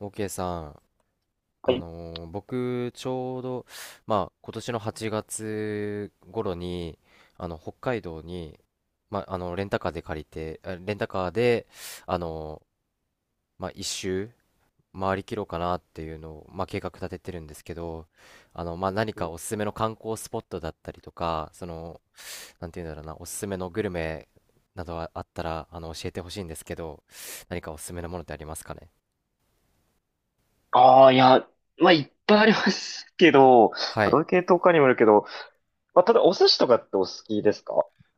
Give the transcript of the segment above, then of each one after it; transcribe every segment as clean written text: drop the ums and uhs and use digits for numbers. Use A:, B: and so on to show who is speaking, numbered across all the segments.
A: OK さん、
B: はい。
A: 僕ちょうど、まあ、今年の8月頃に北海道に、まあ、レンタカーで、あのーまあ、一周回りきろうかなっていうのを、まあ、計画立ててるんですけど、まあ、何かおすすめの観光スポットだったりとかなんていうんだろうな、おすすめのグルメなどあったら教えてほしいんですけど、何かおすすめのものってありますかね？
B: ああ、いや、まあ、いっぱいありますけど、ま
A: は
B: あど
A: い。
B: ういう系統かにもよるけど、まあ、ただお寿司とかってお好きですか？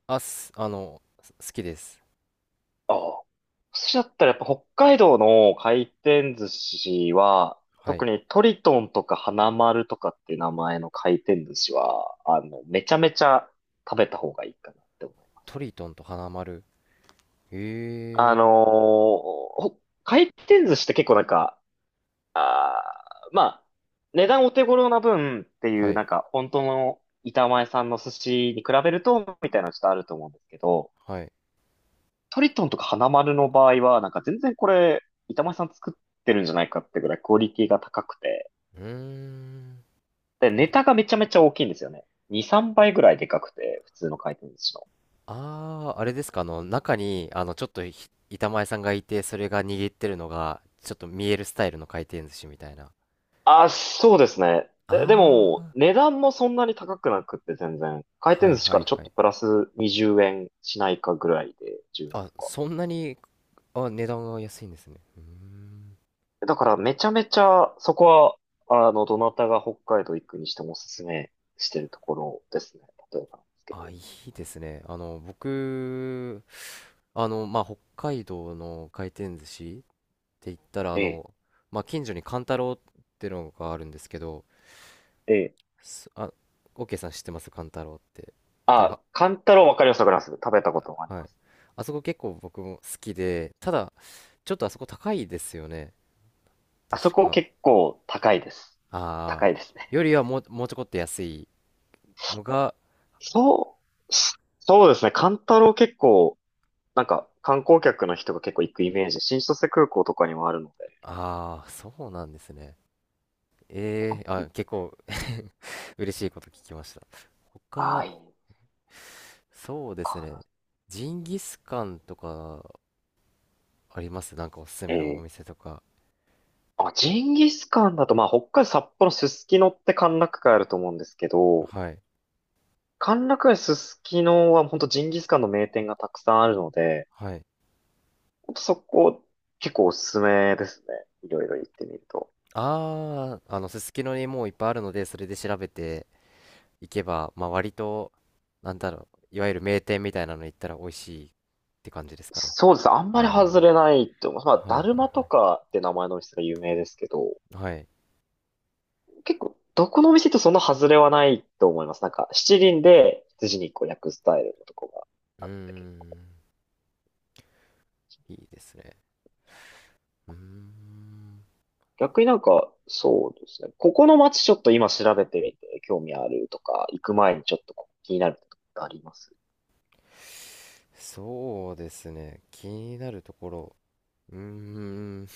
A: あ、す、あの、す好きです。
B: ああ。お寿司だったらやっぱ北海道の回転寿司は、
A: はい。
B: 特にトリトンとか花丸とかっていう名前の回転寿司は、めちゃめちゃ食べた方がいいかなって思う。
A: トリトンと花丸。
B: あ
A: へ
B: のー
A: え。
B: ほ回転寿司って結構なんか、まあ、値段お手頃な分ってい
A: は
B: う、
A: い。
B: なんか、本当の板前さんの寿司に比べると、みたいなのちょっとあると思うんですけど、
A: はい。
B: トリトンとか花丸の場合は、なんか全然これ、板前さん作ってるんじゃないかってぐらいクオリティが高くて、
A: うーん。
B: で、
A: あ
B: ネ
A: り。
B: タがめちゃめちゃ大きいんですよね。2、3倍ぐらいでかくて、普通の回転寿司の。
A: ああ、あれですか。中に、ちょっと板前さんがいて、それが握ってるのが、ちょっと見えるスタイルの回転寿司みたいな。
B: あ、そうですね。で
A: あ
B: も、
A: あ、
B: 値段もそんなに高くなくって全然、回
A: は
B: 転
A: い
B: 寿司
A: は
B: から
A: い
B: ちょっ
A: は
B: と
A: い。
B: プラス20円しないかぐらいで、10円
A: あ、
B: とか。
A: そんなに。あ、値段が安いんですね。うーん。
B: だからめちゃめちゃそこは、どなたが北海道行くにしてもおすすめしてるところですね。例えばなんですけ
A: あ、
B: ど。
A: いいですね。僕、まあ、北海道の回転寿司って言ったら、
B: ええ、
A: まあ、近所にカンタロウってのがあるんですけど、
B: ええ。
A: すあ、オーケーさん、知ってますカンタロウって？多分。
B: あ、カンタロウわかります、わかります。食べたこともあり
A: は
B: ま
A: い。
B: す。
A: あそこ結構僕も好きで、ただ、ちょっとあそこ高いですよね、
B: あそ
A: 確
B: こ
A: か。
B: 結構高いです。
A: ああ、
B: 高いですね。
A: よりはもう、ちょこっと安いのが。
B: そそうですね。カンタロウ結構、なんか観光客の人が結構行くイメージ。新千歳空港とかにもあるの
A: ああ、そうなんですね。
B: で。
A: 結構 嬉しいこと聞きました。他
B: ああ、
A: は、
B: いいの
A: そうですね。
B: か
A: ジンギスカンとかありますなんかおすす
B: な。
A: め
B: え
A: のお
B: え。
A: 店とか。
B: あ、ジンギスカンだと、まあ、北海道札幌すすきのって歓楽街あると思うんですけど、
A: はい。
B: 歓楽街すすきのは本当ジンギスカンの名店がたくさんあるので、
A: はい。
B: 本当そこ結構おすすめですね。いろいろ行ってみると。
A: ああ、すすきのにもういっぱいあるので、それで調べていけば、まあ割と、なんだろう、いわゆる名店みたいなの行ったら美味しいって感じですかね？
B: そうです。あんまり外
A: あ
B: れないと思います。
A: あ、は
B: まあ、
A: い
B: だ
A: は
B: る
A: い
B: まと
A: は
B: かって名前のお店が有名ですけど、
A: い。はい。
B: 結構どこのお店とそんな外れはないと思います。なんか七輪で羊肉を焼くスタイルのとこが
A: うー
B: あったけど。
A: ん、いいですね。うーん。
B: 逆になんか、そうですね。ここの街ちょっと今調べてみて興味あるとか、行く前にちょっとここ気になるとかってあります？
A: そうですね。気になるところ。うーん。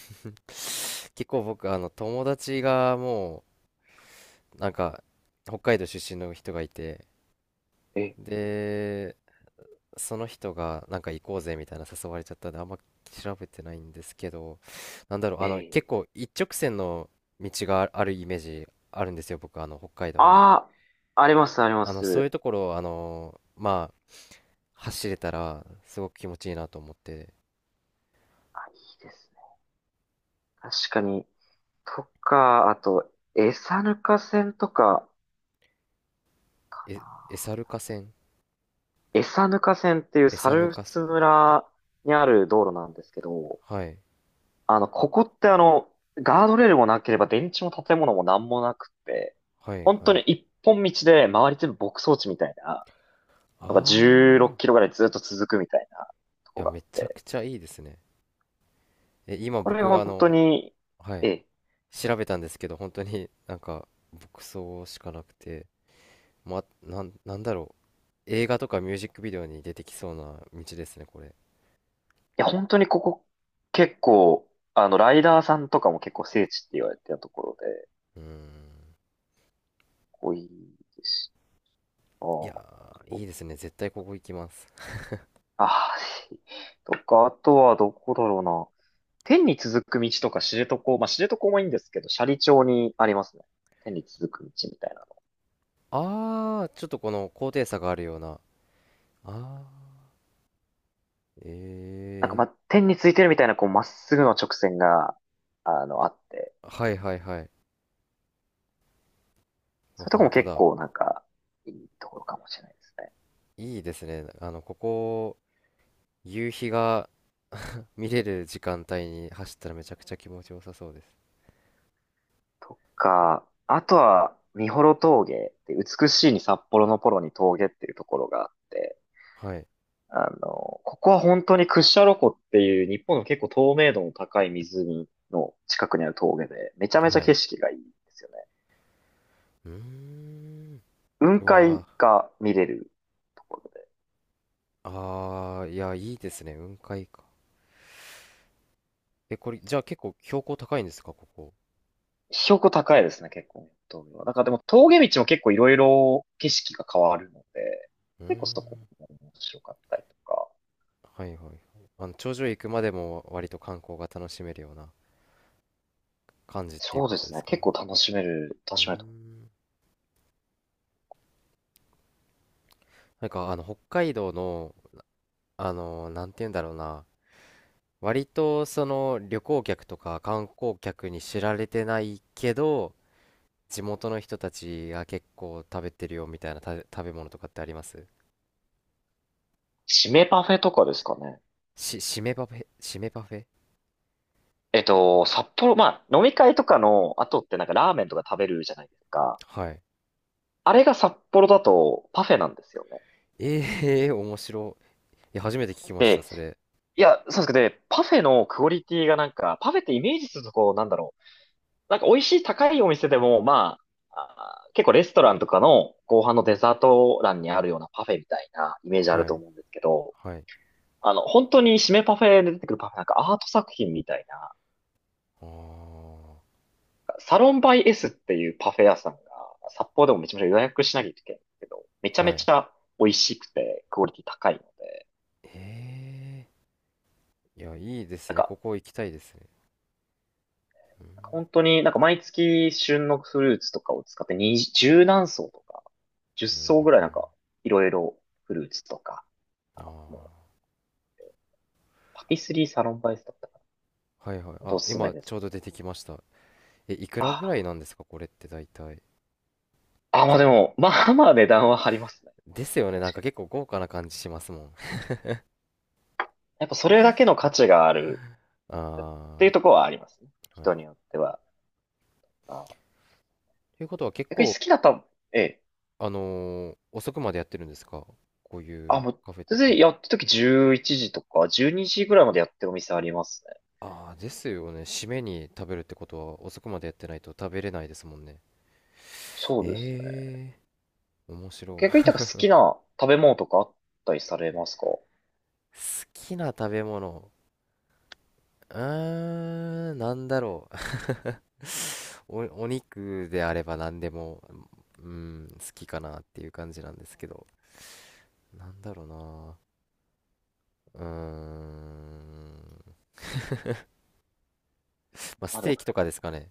A: 結構僕、友達がもう、なんか、北海道出身の人がいて、
B: え、
A: で、その人が、なんか行こうぜみたいな誘われちゃったんで、あんま調べてないんですけど、なんだろう、結
B: ええ。
A: 構一直線の道があるイメージあるんですよ、僕、北海道に。
B: ああ、あります、ありま
A: そういう
B: す。
A: ところを、まあ、走れたら、すごく気持ちいいなと思って。
B: あ、いいですね。確かに。とか、あと、餌ぬか線とか、か
A: え、
B: な。
A: エサルカ線
B: 餌ぬか線っていう
A: エサヌ
B: 猿
A: カ線。
B: 払村にある道路なんですけど、
A: はい。
B: ここってガードレールもなければ電柱も建物もなんもなくて、
A: はい
B: 本
A: は
B: 当
A: い。
B: に一本道で周り全部牧草地みたいな、
A: あ
B: のが16キ
A: あ。
B: ロぐらいずっと続くみたいなと
A: い
B: こ
A: や、
B: があっ
A: めちゃ
B: て、
A: くちゃいいですね。え、今
B: これ
A: 僕、
B: 本当に、
A: は
B: え
A: い、
B: え。
A: 調べたんですけど、本当になんか、牧草しかなくて、なんだろう。映画とかミュージックビデオに出てきそうな道ですね、これ。
B: 本当にここ結構、ライダーさんとかも結構聖地って言われてるところで、
A: うーん。
B: 多いですし。あ
A: い
B: ー、
A: やー、
B: あー、
A: いいですね。絶対ここ行きます。
B: ああ、とか、あとはどこだろうな。天に続く道とか知床、まあ、知床もいいんですけど、斜里町にありますね。天に続く道みたいなの。
A: ああ、ちょっとこの高低差があるような。ああ。
B: なんか、
A: え
B: まあ、
A: え
B: 天についてるみたいな、こう、まっすぐの直線が、あって、
A: ー。はいはいはい。う
B: そう
A: わ、
B: いうとこ
A: 本
B: も
A: 当
B: 結
A: だ。
B: 構なんか、いいところかもしれないですね。
A: いいですね。ここ、夕日が見れる時間帯に走ったらめちゃくちゃ気持ちよさそうです。
B: とか、あとは、三幌峠って、美しいに札幌のポロに峠っていうところがあって、
A: はい。
B: ここは本当に屈斜路湖っていう日本の結構透明度の高い湖の近くにある峠で、めちゃめちゃ
A: は
B: 景
A: い。
B: 色がいいんですよね。
A: うーん。
B: 雲
A: うわー。
B: 海が見れるところで。
A: あー、いや、いいですね。雲海か。え、これ、じゃあ結構標高高いんですか、ここ？
B: 標高高いですね、結構ね、峠は。なんかでも峠道も結構いろいろ景色が変わるので、
A: うー
B: 結構そこ
A: ん。
B: も面白かったりとか。
A: はいはいはい。頂上行くまでも割と観光が楽しめるような感じっていう
B: そう
A: こ
B: で
A: とで
B: すね、
A: すかね？
B: 結構楽しめる、楽
A: うー
B: しめると思います。
A: ん。なんか、北海道の、なんて言うんだろうな。割とその旅行客とか観光客に知られてないけど、地元の人たちが結構食べてるよみたいな食べ物とかってあります
B: 締めパフェとかですかね。
A: しめパフェ、しめパフェ。
B: えっと、札幌、まあ、飲み会とかの後ってなんかラーメンとか食べるじゃないですか。
A: はい。
B: あれが札幌だとパフェなんですよね。
A: ええー、面白い。いや、初めて聞きました、
B: で、
A: それ。
B: いや、そうですけど、でパフェのクオリティがなんか、パフェってイメージするとこう、なんだろう。なんか美味しい高いお店でも、まあ、あー結構レストランとかの後半のデザート欄にあるようなパフェみたいなイメージある
A: は
B: と
A: い。
B: 思うんですけど、
A: はい。
B: 本当に締めパフェで出てくるパフェなんかアート作品みたいな、
A: あ
B: サロンバイ S っていうパフェ屋さんが、札幌でもめちゃめちゃ予約しなきゃいけないんですけど、めちゃ
A: あ、
B: め
A: はい。
B: ちゃ美味しくて、クオリティ高いので。
A: ええー、いや、いいで
B: な
A: す
B: ん
A: ね。こ
B: か、
A: こ行きたいですね。う
B: なんか
A: ん、
B: 本当になんか毎月旬のフルーツとかを使って二十何層とか、10
A: う
B: 層ぐらいなん
A: ん、
B: か、いろいろフルーツとか、
A: うん。
B: もう
A: あ
B: パティスリーサロンバイスだったか、
A: あ、はいはい。
B: ほんとお
A: あ、
B: すすめ
A: 今
B: で
A: ち
B: す。
A: ょうど出てきました。え、いくら
B: あ
A: ぐらいなんですか、これって大体。
B: あ、あ、まあでも、まあまあ値段は張りますね。
A: ですよね。なん
B: 確か
A: か
B: に。
A: 結構豪華な感じしますもん。
B: やっぱそれだけの価値があるってい
A: あ
B: うところはありますね。
A: あ、はい。
B: 人によっては。あー、
A: ということは結
B: 逆に
A: 構、
B: 好きだった、ええ。
A: 遅くまでやってるんですか、こうい
B: あ、
A: う
B: もう、
A: カフェっ
B: 全然
A: て？
B: やってる時11時とか、12時ぐらいまでやってるお店ありますね。
A: ああ、ですよね。締めに食べるってことは遅くまでやってないと食べれないですもんね。
B: そうですね。
A: ええー、面白
B: 逆に、
A: い。
B: なんか好きな食べ物とかあったりされますか？
A: 好きな食べ物。うーん、なんだろう。お肉であれば何でも、うん、好きかなっていう感じなんですけど。なんだろうな。うーん。まあ、
B: ま
A: ス
B: あで
A: テー
B: も、
A: キとかですかね。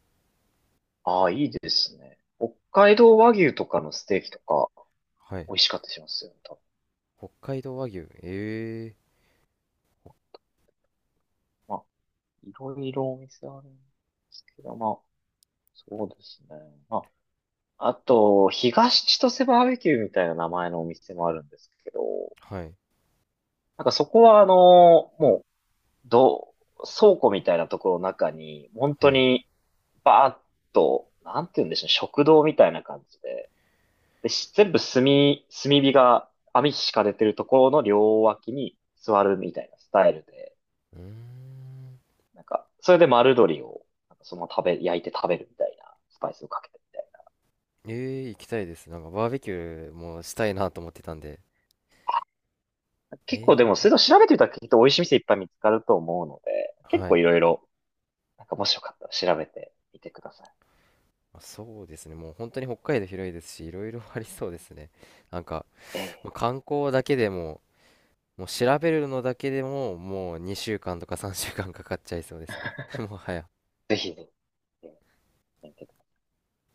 B: ああ、いいですね。北海道和牛とかのステーキとか、
A: はい。
B: 美味しかったりしますよね、多分。
A: 北海道和牛。ええ
B: まあ、いろいろお店あるんですけど、まあ、そうですね。まあ、あと、東千歳バーベキューみたいな名前のお店もあるんですけど、
A: ー、はい。
B: なんかそこはあの、もどう、倉庫みたいなところの中に、本
A: は
B: 当
A: い。う
B: に、バーッと、なんて言うんでしょうね、食堂みたいな感じで、で、全部炭、炭火が網敷かれてるところの両脇に座るみたいなスタイルで、
A: ーん。
B: なんか、それで丸鶏を、なんかそのまま食べ、焼いて食べるみたいな、スパイスをかけてみたい
A: ええー、行きたいです。なんかバーベキューもしたいなと思ってたんで。
B: な。結構で
A: え
B: も、
A: え
B: それと調べてみたらきっと美味しい店いっぱい見つかると思うので、
A: ー、
B: 結
A: は
B: 構
A: い。
B: いろいろ、なんかもしよかったら調べてみてください。
A: まあ、そうですね。もう本当に北海道広いですし、いろいろありそうですね。なんか、
B: え
A: も
B: え、
A: う観光だけでも、もう調べるのだけでも、もう2週間とか3週間かかっちゃいそうですね。もはや。
B: ぜひぜひ、ええ、見てください。